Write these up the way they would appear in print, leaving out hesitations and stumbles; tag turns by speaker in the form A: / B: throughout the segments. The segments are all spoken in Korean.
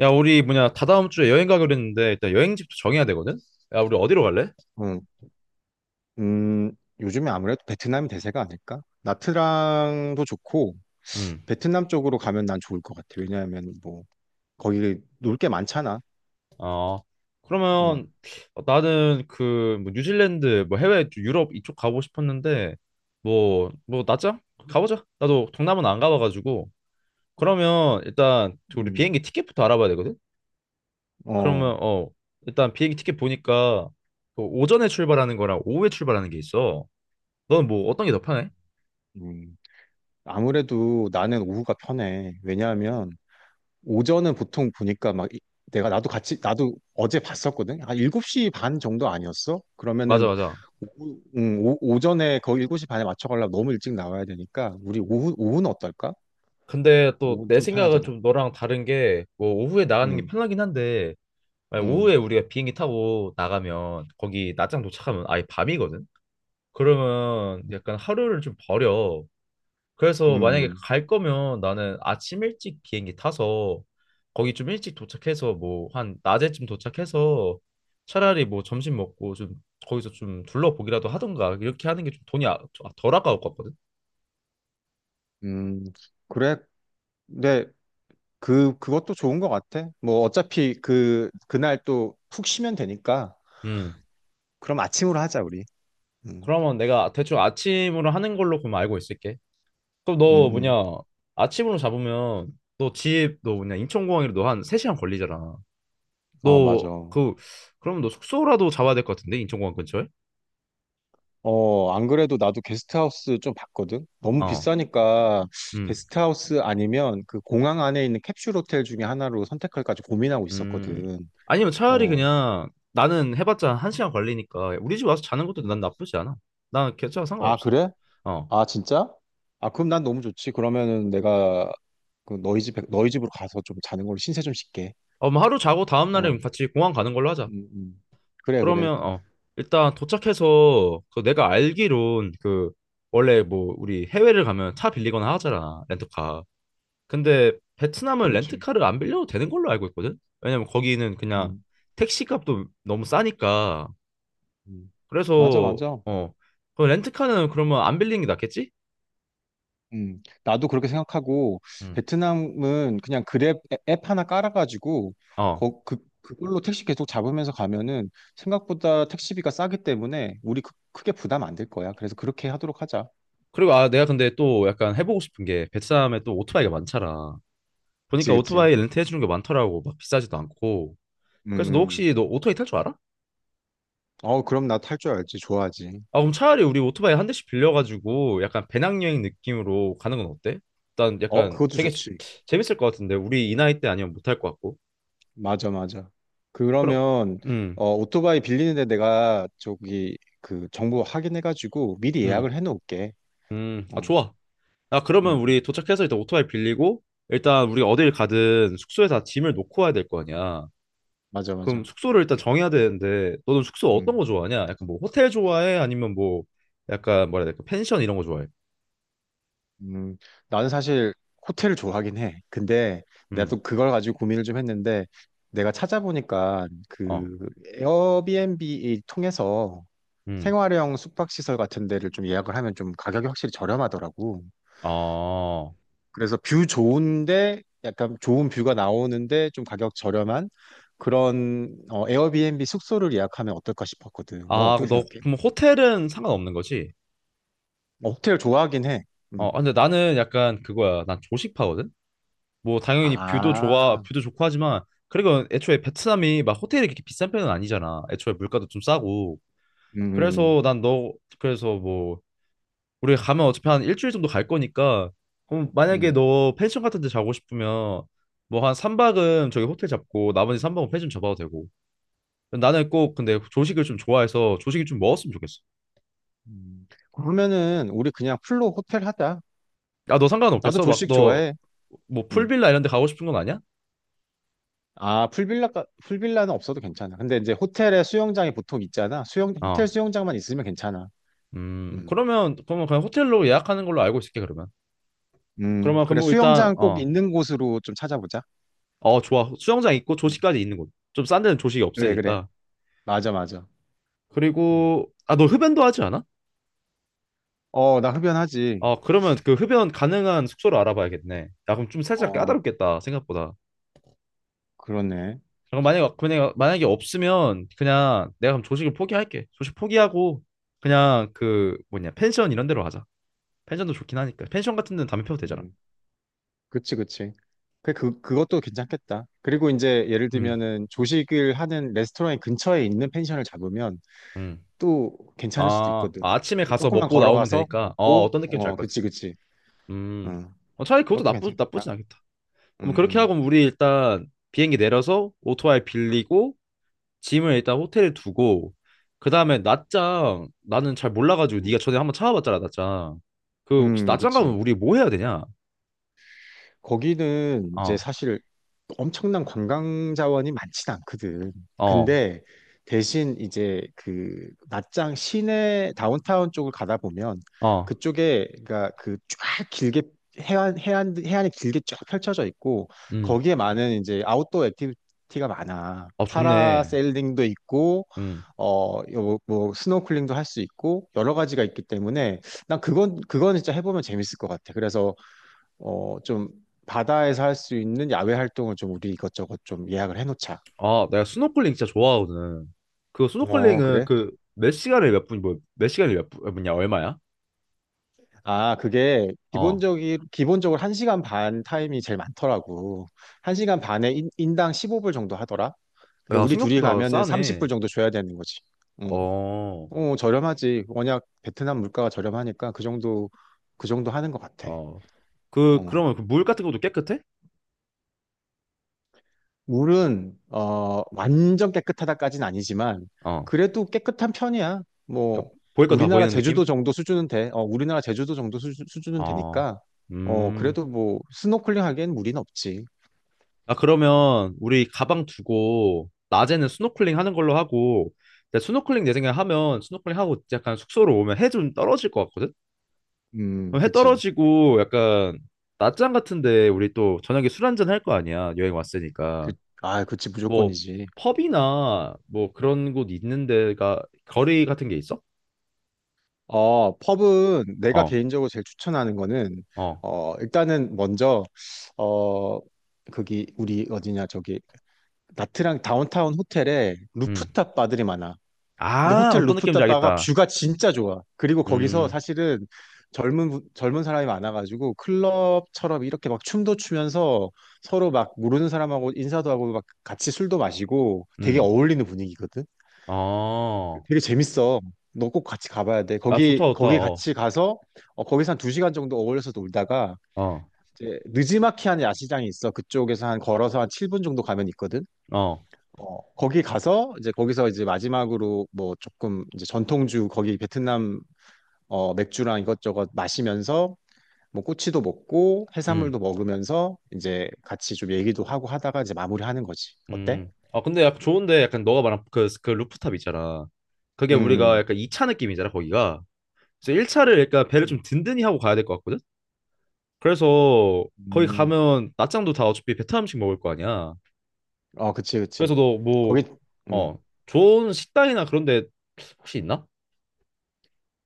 A: 야, 다다음 주에 여행 가기로 했는데, 일단 여행지부터 정해야 되거든? 야, 우리 어디로 갈래?
B: 응. 음, 요즘에 아무래도 베트남이 대세가 아닐까? 나트랑도 좋고,
A: 음.
B: 베트남 쪽으로 가면 난 좋을 것 같아. 왜냐하면 뭐, 거기 놀 게 많잖아.
A: 어, 그러면
B: 음,
A: 나는 뉴질랜드, 해외, 유럽 이쪽 가고 싶었는데, 낮자? 가보자. 나도 동남아는 안 가봐가지고. 그러면 일단, 그 우리
B: 음,
A: 비행기 티켓부터 알아봐야 되거든? 그러면,
B: 어,
A: 일단 비행기 티켓 보니까, 그 오전에 출발하는 거랑 오후에 출발하는 게 있어. 너는 어떤 게 더 편해?
B: 음. 아무래도 나는 오후가 편해. 왜냐하면, 오전은 보통 보니까 막, 내가 나도 같이, 나도 어제 봤었거든? 한 7시 반 정도 아니었어?
A: 맞아,
B: 그러면은,
A: 맞아.
B: 오전에 거의 7시 반에 맞춰가려면 너무 일찍 나와야 되니까, 우리 오후는 어떨까?
A: 근데 또
B: 오후는
A: 내
B: 좀
A: 생각은
B: 편하잖아.
A: 좀 너랑 다른 게 뭐 오후에 나가는 게
B: 음.
A: 편하긴 한데 만약 오후에
B: 음,
A: 우리가 비행기 타고 나가면 거기 낮장 도착하면 아예 밤이거든. 그러면 약간 하루를 좀 버려. 그래서 만약에
B: 음,
A: 갈 거면 나는 아침 일찍 비행기 타서 거기 좀 일찍 도착해서 뭐 한 낮에쯤 도착해서 차라리 뭐 점심 먹고 좀 거기서 좀 둘러보기라도 하던가 이렇게 하는 게 덜 아까울 것 같거든.
B: 음, 그래. 근데 그것도 좋은 것 같아. 뭐 어차피 그날 또 푹 쉬면 되니까.
A: 음.
B: 그럼 아침으로 하자, 우리. 음,
A: 그러면 내가 대충 아침으로 하는 걸로 그럼 알고 있을게. 그럼
B: 음,
A: 너 뭐냐
B: 음.
A: 아침으로 잡으면 너 집 너 뭐냐 인천공항이라 너한 3시간 걸리잖아.
B: 어,
A: 너
B: 맞아.
A: 그 그럼 너 숙소라도 잡아야 될 것 같은데 인천공항 근처에.
B: 어, 안 그래도 나도 게스트하우스 좀 봤거든? 너무
A: 어
B: 비싸니까
A: 음
B: 게스트하우스 아니면 그 공항 안에 있는 캡슐 호텔 중에 하나로 선택할까 지 고민하고
A: 음
B: 있었거든.
A: 아니면 차라리
B: 어.
A: 그냥 나는 해봤자 한시간 걸리니까 우리 집 와서 자는 것도 난
B: 음.
A: 나쁘지 않아. 난 괜찮아,
B: 아,
A: 상관없어.
B: 그래?
A: 어.
B: 아, 진짜? 아, 그럼 난 너무 좋지. 그러면은 내가 그 너희 집으로 가서 좀 자는 걸로 신세 좀 씻게
A: 어, 뭐 하루 자고 다음날에
B: 어,
A: 같이 공항 가는 걸로 하자.
B: 음, 음. 그래, 그래.
A: 그러면 일단 도착해서 그 내가 알기론 그 원래 뭐 우리 해외를 가면 차 빌리거나 하잖아, 렌터카. 근데
B: 그치,
A: 베트남은
B: 그치.
A: 렌트카를 안 빌려도 되는 걸로 알고 있거든? 왜냐면 거기는 그냥
B: 음,
A: 택시 값도 너무 싸니까.
B: 음. 맞아,
A: 그래서,
B: 맞아.
A: 그 렌트카는 그러면 안 빌리는 게 낫겠지?
B: 나도 그렇게 생각하고,
A: 응.
B: 베트남은 그냥 그랩 앱앱 하나 깔아가지고,
A: 어.
B: 그걸로 택시 계속 잡으면서 가면은 생각보다 택시비가 싸기 때문에 우리 크게 부담 안 될 거야. 그래서 그렇게 하도록 하자.
A: 그리고 아, 내가 근데 또 약간 해보고 싶은 게 베트남에 또 오토바이가 많잖아.
B: 그치,
A: 보니까
B: 그치.
A: 오토바이 렌트해주는 게 많더라고. 막 비싸지도 않고. 그래서
B: 음.
A: 너 오토바이 탈 줄 알아?
B: 어, 그럼 나 탈 줄 알지. 좋아하지.
A: 아, 그럼 차라리 우리 오토바이 한 대씩 빌려가지고 약간 배낭여행 느낌으로 가는 건 어때? 일단
B: 어,
A: 약간
B: 그것도 좋지.
A: 재밌을 것 같은데 우리 이 나이 때 아니면 못할 것 같고.
B: 맞아, 맞아.
A: 그럼,
B: 그러면
A: 음,
B: 오토바이 빌리는데 내가 저기 그 정보 확인해가지고 미리
A: 음,
B: 예약을 해놓을게.
A: 아,
B: 어,
A: 좋아. 아,
B: 음,
A: 그러면 우리
B: 음.
A: 도착해서 일단 오토바이 빌리고, 일단 우리 어딜 가든 숙소에다 짐을 놓고 와야 될 거 아니야.
B: 맞아,
A: 그럼
B: 맞아.
A: 숙소를 일단 정해야 되는데, 너는 숙소 어떤
B: 음,
A: 거 좋아하냐? 약간 뭐 호텔 좋아해? 약간 뭐라 해야 될까? 펜션 이런 거 좋아해?
B: 음, 나는 사실 호텔을 좋아하긴 해. 근데 내가
A: 음,
B: 또 그걸 가지고 고민을 좀 했는데 내가 찾아보니까
A: 어,
B: 그 에어비앤비 통해서
A: 음,
B: 생활형 숙박시설 같은 데를 좀 예약을 하면 좀 가격이 확실히 저렴하더라고.
A: 어.
B: 그래서 뷰 좋은데 약간 좋은 뷰가 나오는데 좀 가격 저렴한 그런 에어비앤비 숙소를 예약하면 어떨까 싶었거든. 넌
A: 아,
B: 어떻게 생각해?
A: 그럼 호텔은 상관없는 거지?
B: 어, 호텔 좋아하긴 해.
A: 아,
B: 음.
A: 근데 나는 약간 그거야. 난 조식파거든? 뭐 당연히 뷰도 좋아,
B: 아,
A: 뷰도 좋고 하지만 그리고 애초에 베트남이 막 호텔이 그렇게 비싼 편은 아니잖아. 애초에 물가도 좀 싸고.
B: 음,
A: 그래서 난 너 그래서 뭐 우리 가면 어차피 한 일주일 정도 갈 거니까 그럼 만약에
B: 음,
A: 너 펜션 같은 데 자고 싶으면 뭐 한 3박은 저기 호텔 잡고 나머지 3박은 펜션 잡아도 되고. 나는 꼭 근데 조식을 좀 좋아해서 조식이 좀 먹었으면 좋겠어.
B: 그러면은 우리 그냥 풀로 호텔 하자.
A: 야, 너
B: 나도
A: 상관없겠어? 막
B: 조식
A: 너
B: 좋아해.
A: 뭐
B: 음.
A: 풀빌라 이런 데 가고 싶은 건 아니야?
B: 아, 풀빌라는 없어도 괜찮아. 근데 이제 호텔에 수영장이 보통 있잖아. 호텔
A: 어.
B: 수영장만 있으면 괜찮아. 음,
A: 그러면 그냥 호텔로 예약하는 걸로 알고 있을게 그러면. 그러면
B: 그래.
A: 그러면 일단
B: 수영장 꼭 있는 곳으로 좀 찾아보자.
A: 어 좋아. 수영장 있고
B: 음.
A: 조식까지 있는 곳. 좀 싼 데는 조식이
B: 그래, 그래.
A: 없으니까.
B: 맞아, 맞아. 음.
A: 그리고 아 너 흡연도 하지 않아?
B: 어, 나 흡연하지.
A: 어 그러면 그 흡연 가능한 숙소를 알아봐야겠네. 야 그럼 좀 살짝
B: 어,
A: 까다롭겠다, 생각보다.
B: 그렇네.
A: 그럼 만약에 없으면 그냥 내가 그럼 조식을 포기할게. 조식 포기하고 그냥 그 뭐냐 펜션 이런 데로 하자. 펜션도 좋긴 하니까. 펜션 같은 데는 담배 피워도 되잖아.
B: 음, 그치, 그치. 그것도 괜찮겠다. 그리고 이제 예를
A: 음
B: 들면은 조식을 하는 레스토랑의 근처에 있는 펜션을 잡으면
A: 음.
B: 또 괜찮을 수도 있거든.
A: 아, 아침에 가서
B: 조금만
A: 먹고 나오면
B: 걸어가서
A: 되니까. 어
B: 먹고,
A: 어떤 느낌인지 알 것 같아.
B: 그치, 그치.
A: 음.
B: 음,
A: 어, 차라리 그것도
B: 그것도
A: 나쁘진
B: 괜찮겠다.
A: 않겠다. 그럼 그렇게
B: 응응.
A: 하고 우리 일단 비행기 내려서 오토바이 빌리고 짐을 일단 호텔에 두고 그 다음에 낮장 나는 잘 몰라가지고 네가 전에 한번 찾아봤잖아, 낮장. 그 혹시 낮장 가면
B: 그치.
A: 우리 뭐 해야 되냐?
B: 거기는 이제
A: 어,
B: 사실 엄청난 관광 자원이 많진 않거든.
A: 어,
B: 근데 대신 이제 그 낮장 시내 다운타운 쪽을 가다 보면
A: 어,
B: 그쪽에 그러니까 그 쫙 길게 해안이 길게 쫙 펼쳐져 있고
A: 음,
B: 거기에 많은 이제 아웃도어 액티비티가 많아.
A: 아 좋네,
B: 파라세일링도 있고
A: 음,
B: 어뭐 스노클링도 할 수 있고 여러 가지가 있기 때문에 난 그건 진짜 해보면 재밌을 것 같아. 그래서 좀 바다에서 할 수 있는 야외 활동을 좀 우리 이것저것 좀 예약을 해놓자.
A: 아 내가 스노클링 진짜 좋아하거든. 그
B: 어,
A: 스노클링은
B: 그래?
A: 몇 시간에 몇 분, 몇 분이야 얼마야?
B: 아, 그게
A: 어,
B: 기본적으로 1시간 반 타임이 제일 많더라고. 1시간 반에 인당 15불 정도 하더라. 그러니까
A: 야
B: 우리 둘이
A: 생각보다
B: 가면은
A: 싸네.
B: 30불 정도 줘야 되는 거지. 응.
A: 어,
B: 어, 저렴하지. 워낙 베트남 물가가 저렴하니까 그 정도, 그 정도 하는 것 같아.
A: 어, 그
B: 어.
A: 그러면 그 물 같은 것도 깨끗해?
B: 물은 완전 깨끗하다까지는 아니지만
A: 어.
B: 그래도 깨끗한 편이야. 뭐
A: 그러니까 보일 거 다
B: 우리나라
A: 보이는 느낌?
B: 제주도 정도 수준은 돼. 우리나라 제주도 정도 수준은
A: 어,
B: 되니까
A: 음.
B: 그래도 뭐 스노클링 하기엔 무리는 없지.
A: 아, 그러면 우리 가방 두고 낮에는 스노클링 하는 걸로 하고, 근데 스노클링 내 생각에 하면 스노클링 하고 약간 숙소로 오면 해 좀 떨어질 것 같거든? 그럼 해
B: 그치.
A: 떨어지고 약간 낮잠 같은데 우리 또 저녁에 술 한잔 할 거 아니야? 여행
B: 그,
A: 왔으니까.
B: 아, 그치
A: 뭐
B: 무조건이지.
A: 펍이나 뭐 그런 곳 있는 데가 거리 같은 게 있어?
B: 펍은 내가
A: 어,
B: 개인적으로 제일 추천하는 거는
A: 어,
B: 일단은 먼저 어 거기 우리 어디냐 저기 나트랑 다운타운 호텔에
A: 음.
B: 루프탑 바들이 많아. 근데
A: 아,
B: 호텔
A: 어떤 느낌인지
B: 루프탑 바가
A: 알겠다.
B: 뷰가 진짜 좋아. 그리고 거기서
A: 음,
B: 사실은 젊은 사람이 많아가지고 클럽처럼 이렇게 막 춤도 추면서 서로 막 모르는 사람하고 인사도 하고 막 같이 술도 마시고 되게
A: 음.
B: 어울리는 분위기거든.
A: 어.
B: 되게 재밌어. 너 꼭 같이 가봐야 돼.
A: 아, 좋다,
B: 거기
A: 좋다.
B: 거기 같이 가서 어, 거기서 한 2시간 정도 어울려서 놀다가
A: 어,
B: 이제 느지마키한 야시장이 있어. 그쪽에서 한 걸어서 한 7분 정도 가면 있거든.
A: 어,
B: 어, 거기 가서 이제 거기서 이제 마지막으로 뭐 조금 이제 전통주 거기 베트남 맥주랑 이것저것 마시면서 뭐 꼬치도 먹고
A: 음,
B: 해산물도 먹으면서 이제 같이 좀 얘기도 하고 하다가 이제 마무리하는 거지. 어때?
A: 아, 근데 약간 좋은데 약간 너가 말한 그 루프탑 있잖아. 그게 우리가
B: 음,
A: 약간 2차 느낌이잖아, 거기가. 그래서 1차를 약간 배를 좀
B: 음,
A: 든든히 하고 가야 될 것 같거든? 그래서 거기
B: 음.
A: 가면 낮장도 다 어차피 베트남 음식 먹을 거 아니야.
B: 어, 그치, 그치.
A: 그래서
B: 거기, 음.
A: 어, 좋은 식당이나 그런 데 혹시 있나?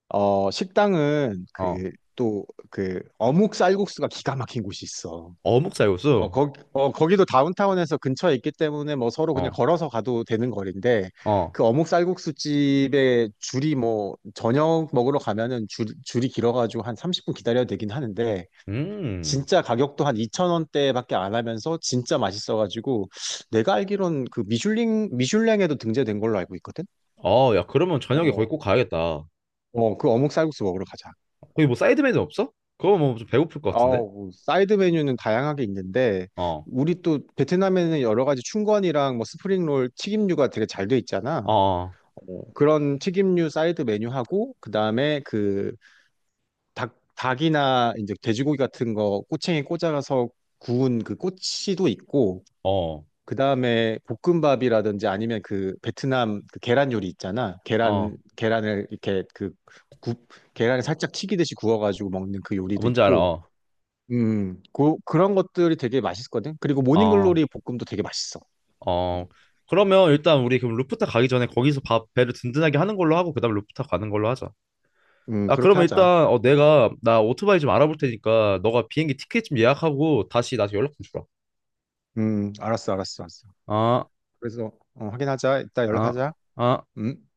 B: 어, 식당은
A: 어,
B: 어묵 쌀국수가 기가 막힌 곳이 있어.
A: 어묵
B: 어,
A: 쌀국수?
B: 거기도 다운타운에서 근처에 있기 때문에 뭐 서로 그냥
A: 어,
B: 걸어서 가도 되는 거리인데
A: 어.
B: 그 어묵 쌀국수 집에 줄이 뭐 저녁 먹으러 가면은 줄이 길어가지고 한 30분 기다려야 되긴 하는데
A: 음.
B: 진짜 가격도 한2천원대밖에 안 하면서 진짜 맛있어가지고 내가 알기론 그 미슐랭에도 등재된 걸로 알고 있거든?
A: 어 야, 그러면 저녁에 거기 꼭
B: 어,
A: 가야겠다.
B: 어, 그 어묵 쌀국수 먹으러 가자.
A: 거기 뭐 사이드 메뉴 없어? 그거 뭐좀 배고플 것 같은데?
B: 뭐 사이드 메뉴는 다양하게 있는데
A: 어,
B: 우리 또 베트남에는 여러 가지 춘권이랑 뭐 스프링롤 튀김류가 되게 잘 돼 있잖아.
A: 어,
B: 어, 그런 튀김류 사이드 메뉴하고 그다음에 그 닭이나 이제 돼지고기 같은 거 꼬챙이 꽂아서 구운 그 꼬치도 있고
A: 어, 어,
B: 그다음에 볶음밥이라든지 아니면 그 베트남 그 계란 요리 있잖아.
A: 어,
B: 계란을 이렇게 그 굽, 계란을 살짝 튀기듯이 구워가지고 먹는 그 요리도
A: 뭔지 알아,
B: 있고 그런 것들이 되게 맛있거든. 그리고
A: 어,
B: 모닝글로리 볶음도 되게 맛있어.
A: 어.
B: 음,
A: 그러면 일단 우리 그럼 루프탑 가기 전에 거기서 밥 배를 든든하게 하는 걸로 하고 그다음 루프탑 가는 걸로 하자. 아
B: 그렇게
A: 그러면
B: 하자.
A: 일단 내가 나 오토바이 좀 알아볼 테니까 너가 비행기 티켓 좀 예약하고 다시 나한테 연락 좀 주라.
B: 알았어, 알았어, 알았어.
A: 아,
B: 그래서 확인하자. 이따
A: 아,
B: 연락하자.
A: 아.
B: 음.